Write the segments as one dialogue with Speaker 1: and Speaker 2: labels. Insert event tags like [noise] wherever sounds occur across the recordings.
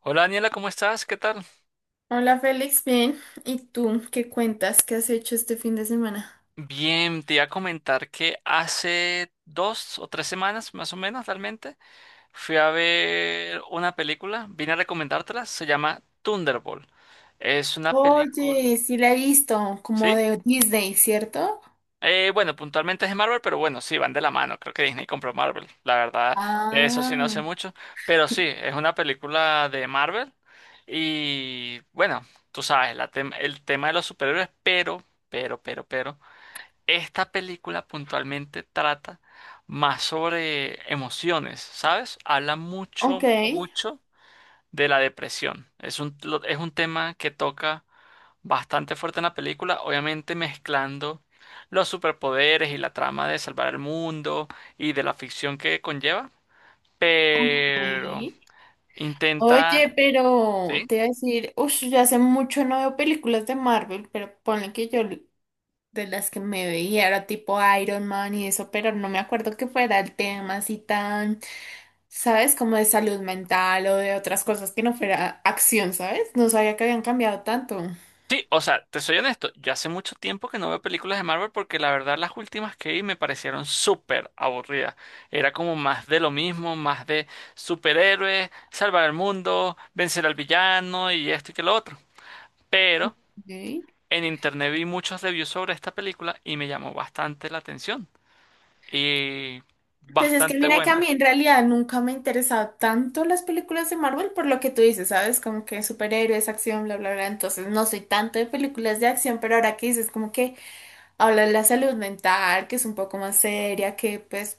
Speaker 1: Hola Daniela, ¿cómo estás? ¿Qué tal?
Speaker 2: Hola Félix, bien. ¿Y tú qué cuentas? ¿Qué has hecho este fin de semana?
Speaker 1: Bien, te iba a comentar que hace 2 o 3 semanas, más o menos realmente, fui a ver una película, vine a recomendártela, se llama Thunderbolt. Es una película,
Speaker 2: Oye, sí la he visto, como
Speaker 1: ¿sí?
Speaker 2: de Disney, ¿cierto?
Speaker 1: Bueno, puntualmente es de Marvel, pero bueno, sí, van de la mano, creo que Disney compró Marvel, la verdad, de eso sí no sé
Speaker 2: Ah,
Speaker 1: mucho, pero sí, es una película de Marvel y bueno, tú sabes, la el tema de los superhéroes, pero. Esta película puntualmente trata más sobre emociones, ¿sabes? Habla
Speaker 2: ok.
Speaker 1: mucho, mucho de la depresión. Es un tema que toca bastante fuerte en la película, obviamente mezclando los superpoderes y la trama de salvar el mundo y de la ficción que conlleva, pero
Speaker 2: Sí. Oye,
Speaker 1: intenta...
Speaker 2: pero
Speaker 1: ¿Sí?
Speaker 2: te voy a decir, uff, yo hace mucho no veo películas de Marvel, pero ponle que de las que me veía era tipo Iron Man y eso, pero no me acuerdo que fuera el tema así tan, ¿sabes? Como de salud mental o de otras cosas que no fuera acción, ¿sabes? No sabía que habían cambiado tanto.
Speaker 1: Sí, o sea, te soy honesto, yo hace mucho tiempo que no veo películas de Marvel porque la verdad las últimas que vi me parecieron súper aburridas. Era como más de lo mismo, más de superhéroes, salvar el mundo, vencer al villano y esto y que lo otro. Pero
Speaker 2: Ok.
Speaker 1: en internet vi muchos reviews sobre esta película y me llamó bastante la atención. Y
Speaker 2: Pues es que
Speaker 1: bastante
Speaker 2: mira que a mí
Speaker 1: buena.
Speaker 2: en realidad nunca me ha interesado tanto las películas de Marvel por lo que tú dices, ¿sabes? Como que superhéroes, acción, bla, bla, bla. Entonces no soy tanto de películas de acción, pero ahora que dices como que habla de la salud mental, que es un poco más seria, que pues,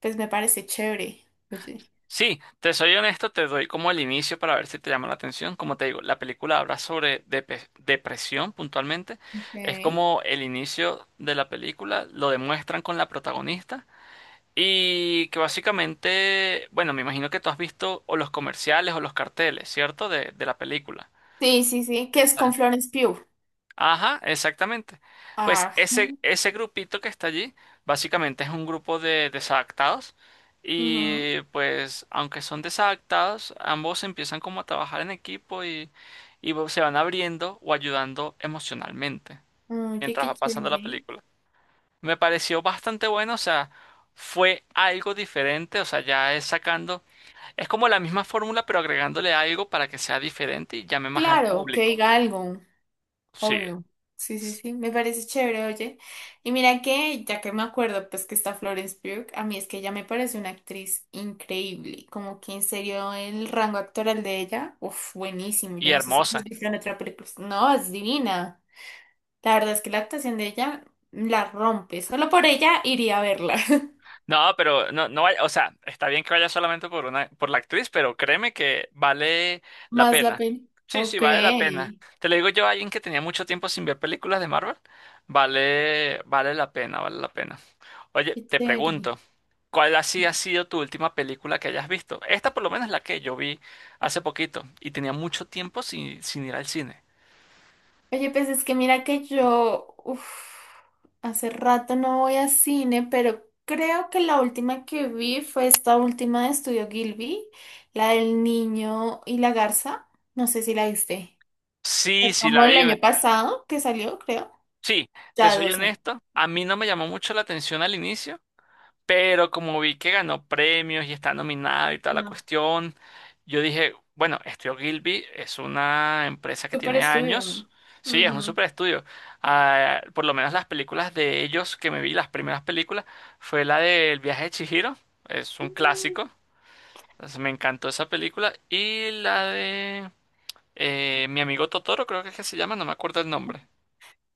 Speaker 2: pues me parece chévere. Oye.
Speaker 1: Sí, te soy honesto, te doy como el inicio para ver si te llama la atención. Como te digo, la película habla sobre depresión puntualmente. Es
Speaker 2: Ok.
Speaker 1: como el inicio de la película, lo demuestran con la protagonista. Y que básicamente, bueno, me imagino que tú has visto o los comerciales o los carteles, ¿cierto? De la película.
Speaker 2: Sí, sí, sí, que es con Florence Pugh.
Speaker 1: Ajá, exactamente. Pues
Speaker 2: Ah,
Speaker 1: ese grupito que está allí, básicamente es un grupo de desadaptados
Speaker 2: ujú.
Speaker 1: y pues aunque son desadaptados, ambos empiezan como a trabajar en equipo y se van abriendo o ayudando emocionalmente
Speaker 2: Oye,
Speaker 1: mientras
Speaker 2: qué
Speaker 1: va pasando la
Speaker 2: chévere.
Speaker 1: película. Me pareció bastante bueno, o sea, fue algo diferente, o sea, ya es sacando, es como la misma fórmula pero agregándole algo para que sea diferente y llame más al
Speaker 2: Claro, que
Speaker 1: público.
Speaker 2: diga algo.
Speaker 1: Sí,
Speaker 2: Obvio. Sí, sí,
Speaker 1: es-
Speaker 2: sí, me parece chévere, oye. Y mira que, ya que me acuerdo, pues que está Florence Pugh, a mí es que ella me parece una actriz increíble, como que en serio el rango actoral de ella, uff, buenísimo.
Speaker 1: y
Speaker 2: Yo no sé si
Speaker 1: hermosa.
Speaker 2: has visto en otra película, pues, no, es divina. La verdad es que la actuación de ella la rompe, solo por ella iría a verla. [laughs]
Speaker 1: No, pero no, no vaya, o sea, está bien que vaya solamente por una, por la actriz, pero créeme que vale la
Speaker 2: Más la
Speaker 1: pena.
Speaker 2: pena.
Speaker 1: Sí,
Speaker 2: Ok,
Speaker 1: sí, vale la pena.
Speaker 2: qué
Speaker 1: Te lo digo yo, alguien que tenía mucho tiempo sin ver películas de Marvel, vale, vale la pena, vale la pena. Oye, te
Speaker 2: chévere.
Speaker 1: pregunto, ¿cuál así ha sido tu última película que hayas visto? Esta por lo menos es la que yo vi hace poquito y tenía mucho tiempo sin ir al cine.
Speaker 2: Oye, pues es que mira que yo, uf, hace rato no voy a cine, pero creo que la última que vi fue esta última de Estudio Gilby, la del niño y la garza. No sé si la viste.
Speaker 1: Sí,
Speaker 2: Fue
Speaker 1: sí,
Speaker 2: como
Speaker 1: la
Speaker 2: el
Speaker 1: vi.
Speaker 2: año pasado que salió, creo.
Speaker 1: Sí, te
Speaker 2: Ya
Speaker 1: soy
Speaker 2: doce.
Speaker 1: honesto, a mí no me llamó mucho la atención al inicio. Pero como vi que ganó premios y está nominada y toda la
Speaker 2: No.
Speaker 1: cuestión, yo dije, bueno, Estudio Gilby es una empresa que
Speaker 2: Super
Speaker 1: tiene años.
Speaker 2: estudio.
Speaker 1: Sí, es un
Speaker 2: Ujú.
Speaker 1: super estudio. Ah, por lo menos las películas de ellos que me vi, las primeras películas, fue la del viaje de Chihiro. Es un
Speaker 2: Mm.
Speaker 1: clásico. Entonces, me encantó esa película. Y la de Mi amigo Totoro, creo que es que se llama, no me acuerdo el nombre.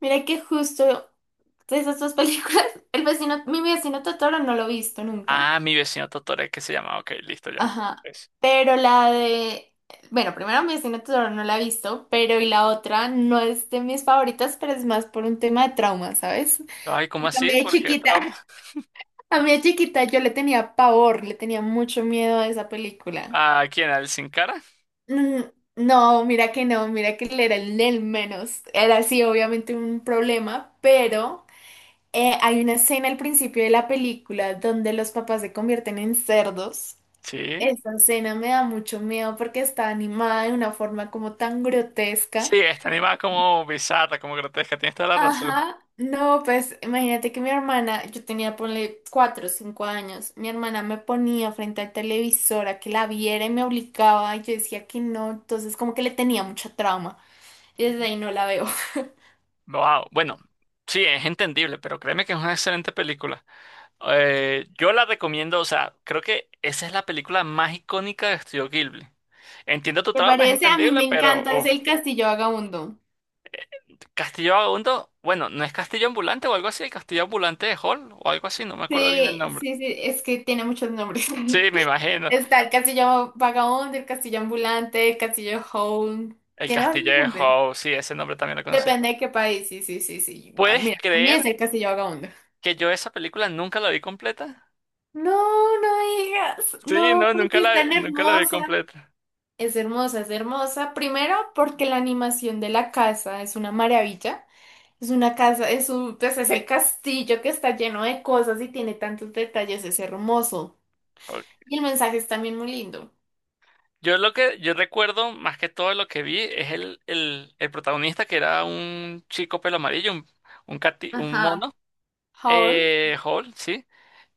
Speaker 2: Mira que justo de esas dos películas, [laughs] mi vecino Totoro no lo he visto nunca.
Speaker 1: Ah, mi vecino Totoro es que se llama. Ok, listo ya.
Speaker 2: Ajá.
Speaker 1: Es...
Speaker 2: Pero la de. Bueno, primero mi vecino Totoro no la he visto, pero y la otra no es de mis favoritas, pero es más por un tema de trauma, ¿sabes?
Speaker 1: Ay, ¿cómo
Speaker 2: Porque a mí
Speaker 1: así?
Speaker 2: de
Speaker 1: ¿Por qué trauma?
Speaker 2: chiquita, [laughs] a mí de chiquita yo le tenía pavor, le tenía mucho miedo a esa película.
Speaker 1: ¿A quién? ¿Al Sin Cara?
Speaker 2: Mm. No, mira que no, mira que él era el del menos. Era sí, obviamente un problema, pero hay una escena al principio de la película donde los papás se convierten en cerdos.
Speaker 1: Sí.
Speaker 2: Esa escena me da mucho miedo porque está animada de una forma como tan
Speaker 1: Sí,
Speaker 2: grotesca.
Speaker 1: está animada como bizarra, como grotesca, tienes toda la razón.
Speaker 2: Ajá, no, pues imagínate que mi hermana, yo tenía, ponle, 4 o 5 años, mi hermana me ponía frente al televisor a que la viera y me obligaba y yo decía que no, entonces como que le tenía mucha trauma y desde ahí no la veo. [laughs]
Speaker 1: Wow. Bueno, sí, es entendible, pero créeme que es una excelente película. Yo la recomiendo, o sea, creo que esa es la película más icónica de Estudio Ghibli. Entiendo tu
Speaker 2: ¿Te
Speaker 1: trauma, es
Speaker 2: parece? A mí
Speaker 1: entendible,
Speaker 2: me
Speaker 1: pero
Speaker 2: encanta, es
Speaker 1: uf.
Speaker 2: el Castillo Vagabundo.
Speaker 1: eh, Castillo Vagabundo, bueno, ¿no es Castillo Ambulante o algo así? ¿El Castillo Ambulante de Hall o algo así? No me acuerdo bien el
Speaker 2: Sí,
Speaker 1: nombre.
Speaker 2: sí, sí, es que tiene muchos nombres.
Speaker 1: Sí, me
Speaker 2: [laughs]
Speaker 1: imagino.
Speaker 2: Está el castillo vagabundo, el castillo ambulante, el castillo home.
Speaker 1: El
Speaker 2: Tiene
Speaker 1: Castillo
Speaker 2: varios
Speaker 1: de
Speaker 2: nombres.
Speaker 1: Hall, sí, ese nombre también lo conocí.
Speaker 2: Depende de qué país. Sí, sí, sí, sí. Ah,
Speaker 1: ¿Puedes
Speaker 2: mira, a mí
Speaker 1: creer?
Speaker 2: es el castillo vagabundo.
Speaker 1: Que yo esa película nunca la vi completa.
Speaker 2: No, no digas.
Speaker 1: Sí,
Speaker 2: No,
Speaker 1: no,
Speaker 2: pero sí es tan
Speaker 1: nunca la vi
Speaker 2: hermosa.
Speaker 1: completa.
Speaker 2: Es hermosa, es hermosa. Primero, porque la animación de la casa es una maravilla. Es una casa, es un, pues es el castillo que está lleno de cosas y tiene tantos detalles. Es hermoso.
Speaker 1: Ok.
Speaker 2: Y el mensaje es también muy lindo.
Speaker 1: Yo lo que yo recuerdo más que todo lo que vi es el protagonista que era un chico pelo amarillo, un, un
Speaker 2: Ajá.
Speaker 1: mono.
Speaker 2: Howl.
Speaker 1: Hall, sí.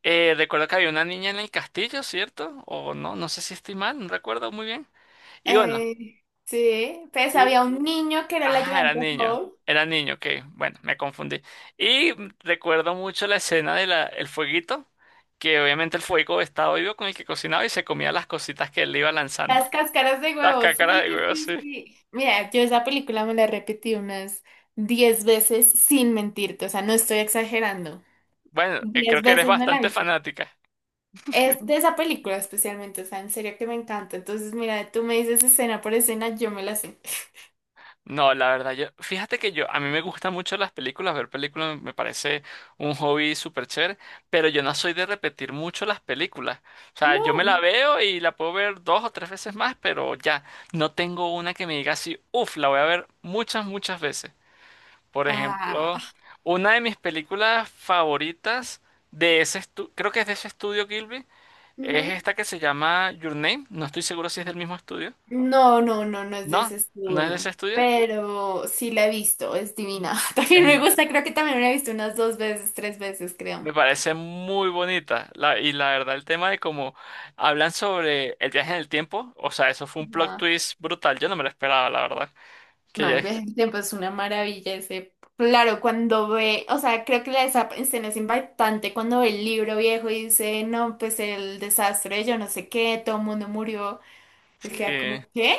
Speaker 1: Recuerdo que había una niña en el castillo, ¿cierto? O no, no sé si estoy mal, no recuerdo muy bien. Y bueno.
Speaker 2: Ay, sí, pues había un niño que era el
Speaker 1: Ah, era
Speaker 2: ayudante de
Speaker 1: niño.
Speaker 2: Howl.
Speaker 1: Era niño, ok. Bueno, me confundí. Y recuerdo mucho la escena de el fueguito, que obviamente el fuego estaba vivo con el que cocinaba y se comía las cositas que él le iba lanzando.
Speaker 2: Las cáscaras de
Speaker 1: [laughs] Las
Speaker 2: huevo,
Speaker 1: cácaras
Speaker 2: sí,
Speaker 1: de huevo,
Speaker 2: sí,
Speaker 1: sí.
Speaker 2: sí. Mira, yo esa película me la repetí unas 10 veces sin mentirte, o sea, no estoy exagerando.
Speaker 1: Bueno, creo
Speaker 2: diez
Speaker 1: que eres
Speaker 2: veces me la
Speaker 1: bastante
Speaker 2: hice.
Speaker 1: fanática.
Speaker 2: Es de esa película especialmente, o sea, en serio que me encanta. Entonces, mira, tú me dices escena por escena, yo me la sé.
Speaker 1: No, la verdad, yo, fíjate que yo, a mí me gustan mucho las películas, ver películas me parece un hobby súper chévere, pero yo no soy de repetir mucho las películas. O sea, yo me la
Speaker 2: No.
Speaker 1: veo y la puedo ver dos o tres veces más, pero ya, no tengo una que me diga así, uff, la voy a ver muchas, muchas veces. Por ejemplo,
Speaker 2: Ah.
Speaker 1: una de mis películas favoritas de ese estudio, creo que es de ese estudio Gilby, es esta que se llama Your Name, no estoy seguro si es del mismo estudio.
Speaker 2: No, no, no, no es de
Speaker 1: No,
Speaker 2: ese
Speaker 1: no es de ese
Speaker 2: estudio,
Speaker 1: estudio.
Speaker 2: pero sí la he visto, es divina. [laughs] También me gusta, creo que también la he visto unas dos veces, tres veces, creo.
Speaker 1: Me parece muy bonita. La, y la verdad, el tema de cómo hablan sobre el viaje en el tiempo, o sea, eso fue un plot
Speaker 2: Ajá.
Speaker 1: twist brutal. Yo no me lo esperaba, la verdad. Que
Speaker 2: No,
Speaker 1: ya,
Speaker 2: el viaje del tiempo es una maravilla ese. Claro, cuando ve, o sea, creo que la esa escena es impactante cuando ve el libro viejo y dice, no, pues el desastre, yo no sé qué, todo el mundo murió. Él
Speaker 1: sí,
Speaker 2: queda como, ¿qué?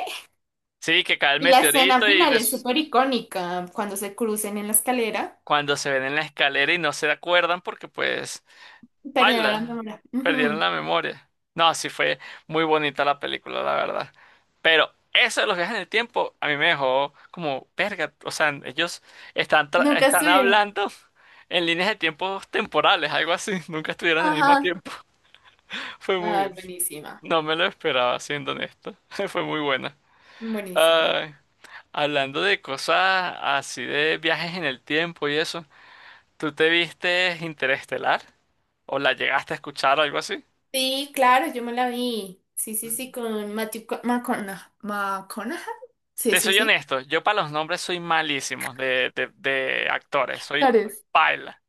Speaker 1: sí, que cae el
Speaker 2: Y la escena
Speaker 1: meteorito y
Speaker 2: final es súper icónica, cuando se crucen en la escalera,
Speaker 1: cuando se ven en la escalera y no se acuerdan porque pues
Speaker 2: perdieron la
Speaker 1: Baila,
Speaker 2: memoria.
Speaker 1: perdieron
Speaker 2: Ujú.
Speaker 1: la memoria. No, sí fue muy bonita la película, la verdad. Pero eso de los viajes en el tiempo a mí me dejó como verga. O sea, ellos están, tra-
Speaker 2: Nunca
Speaker 1: están
Speaker 2: estuvieron.
Speaker 1: hablando en líneas de tiempos temporales, algo así. [laughs] Nunca estuvieron en el mismo
Speaker 2: Ajá.
Speaker 1: tiempo. [laughs] Fue
Speaker 2: Ah,
Speaker 1: muy...
Speaker 2: buenísima,
Speaker 1: No me lo esperaba, siendo honesto. [laughs] Fue muy buena.
Speaker 2: buenísima.
Speaker 1: Ay, hablando de cosas así de viajes en el tiempo y eso, ¿tú te viste Interestelar? ¿O la llegaste a escuchar o algo así?
Speaker 2: Sí, claro, yo me la vi. Sí, sí, sí, con Matthew McConaughey. ¿McConaughey? Sí,
Speaker 1: Te
Speaker 2: sí,
Speaker 1: soy
Speaker 2: sí.
Speaker 1: honesto, yo para los nombres soy malísimo de actores, soy
Speaker 2: Actores.
Speaker 1: paila,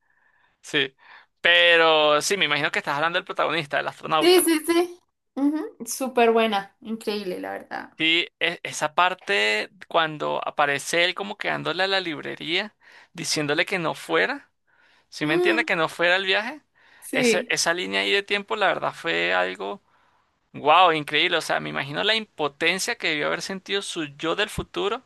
Speaker 1: sí. Pero sí, me imagino que estás hablando del protagonista, del
Speaker 2: Sí,
Speaker 1: astronauta.
Speaker 2: sí, sí. Ujú. Súper buena, increíble, la verdad.
Speaker 1: Sí, esa parte cuando aparece él como quedándole a la librería, diciéndole que no fuera, ¿sí me entiende?
Speaker 2: Mm,
Speaker 1: Que no fuera el viaje.
Speaker 2: sí,
Speaker 1: Esa línea ahí de tiempo, la verdad, fue algo, wow, increíble. O sea, me imagino la impotencia que debió haber sentido su yo del futuro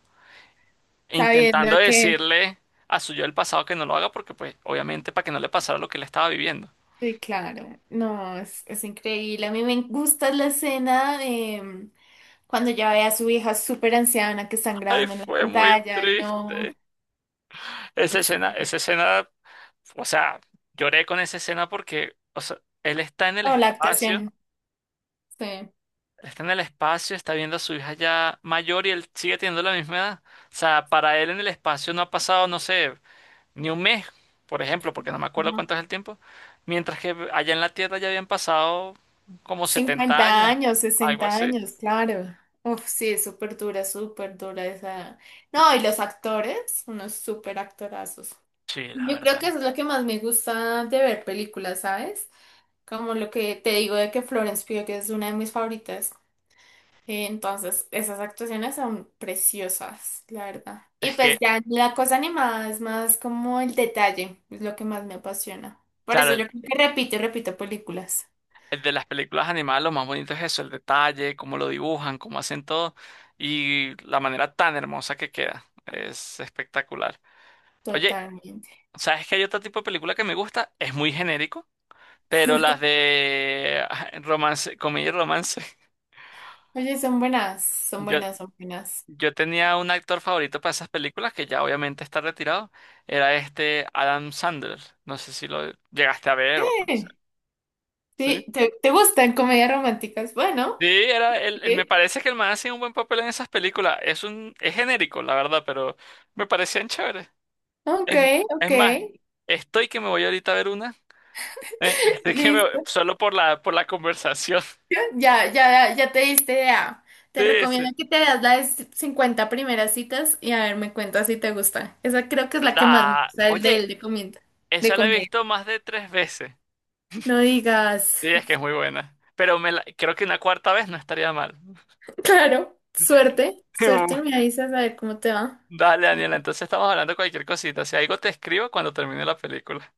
Speaker 2: sabiendo
Speaker 1: intentando
Speaker 2: que...
Speaker 1: decirle a su yo del pasado que no lo haga porque, pues, obviamente para que no le pasara lo que le estaba viviendo.
Speaker 2: Sí, claro. No, es increíble. A mí me gusta la escena de cuando ya ve a su hija súper anciana que están
Speaker 1: Ay,
Speaker 2: grabando en la
Speaker 1: fue muy
Speaker 2: pantalla. No,
Speaker 1: triste. Esa
Speaker 2: sí.
Speaker 1: escena, o sea, lloré con esa escena porque, o sea, él está en el
Speaker 2: No, la
Speaker 1: espacio,
Speaker 2: actuación. Sí.
Speaker 1: está en el espacio, está viendo a su hija ya mayor y él sigue teniendo la misma edad. O sea, para él en el espacio no ha pasado, no sé, ni un mes, por ejemplo, porque no me acuerdo cuánto es el tiempo, mientras que allá en la Tierra ya habían pasado como 70
Speaker 2: cincuenta
Speaker 1: años,
Speaker 2: años,
Speaker 1: algo
Speaker 2: 60
Speaker 1: así.
Speaker 2: años, claro. Uf, sí, es súper dura esa. No, y los actores, unos súper actorazos.
Speaker 1: Sí, la
Speaker 2: Yo creo
Speaker 1: verdad.
Speaker 2: que eso es lo que más me gusta de ver películas, ¿sabes? Como lo que te digo de que Florence Pugh es una de mis favoritas. Entonces, esas actuaciones son preciosas, la verdad. Y
Speaker 1: Es
Speaker 2: pues
Speaker 1: que,
Speaker 2: ya la cosa animada es más como el detalle, es lo que más me apasiona. Por
Speaker 1: claro,
Speaker 2: eso
Speaker 1: el,
Speaker 2: yo creo que repito y repito películas.
Speaker 1: el de las películas animadas lo más bonito es eso, el detalle, cómo lo dibujan, cómo hacen todo y la manera tan hermosa que queda. Es espectacular. Oye,
Speaker 2: Totalmente.
Speaker 1: ¿sabes que hay otro tipo de película que me gusta? Es muy genérico, pero las de ah, romance, comedia y romance. [laughs]
Speaker 2: Oye, son buenas, son
Speaker 1: Yo,
Speaker 2: buenas, son buenas.
Speaker 1: yo tenía un actor favorito para esas películas que ya obviamente está retirado. Era este Adam Sandler. No sé si lo llegaste a ver o a conocer.
Speaker 2: Sí, sí, ¿te, te gustan comedias románticas? Bueno,
Speaker 1: Sí, era él. Me
Speaker 2: sí.
Speaker 1: parece que el man hacía un buen papel en esas películas. Es un, es genérico, la verdad, pero me parecían chéveres.
Speaker 2: Ok,
Speaker 1: Es,
Speaker 2: ok,
Speaker 1: es más, estoy que me voy ahorita a ver una. [laughs] Estoy que me voy...
Speaker 2: listo.
Speaker 1: solo por la, conversación. [laughs]
Speaker 2: Ya, ya, ya te diste idea. Te
Speaker 1: Sí,
Speaker 2: recomiendo
Speaker 1: sí.
Speaker 2: que te veas la de 50 primeras citas y a ver, me cuentas si te gusta. Esa creo que es la que más me
Speaker 1: La,
Speaker 2: gusta, el de
Speaker 1: oye,
Speaker 2: el de comienda, de
Speaker 1: esa la he
Speaker 2: comedia.
Speaker 1: visto más de tres veces.
Speaker 2: No digas.
Speaker 1: Sí, es que es
Speaker 2: [laughs]
Speaker 1: muy buena. Pero me la, creo que una cuarta vez no estaría mal.
Speaker 2: Claro, suerte, suerte, me
Speaker 1: [laughs]
Speaker 2: avisas a ver cómo te va.
Speaker 1: Dale, Daniela, entonces estamos hablando de cualquier cosita. Si algo te escribo cuando termine la película.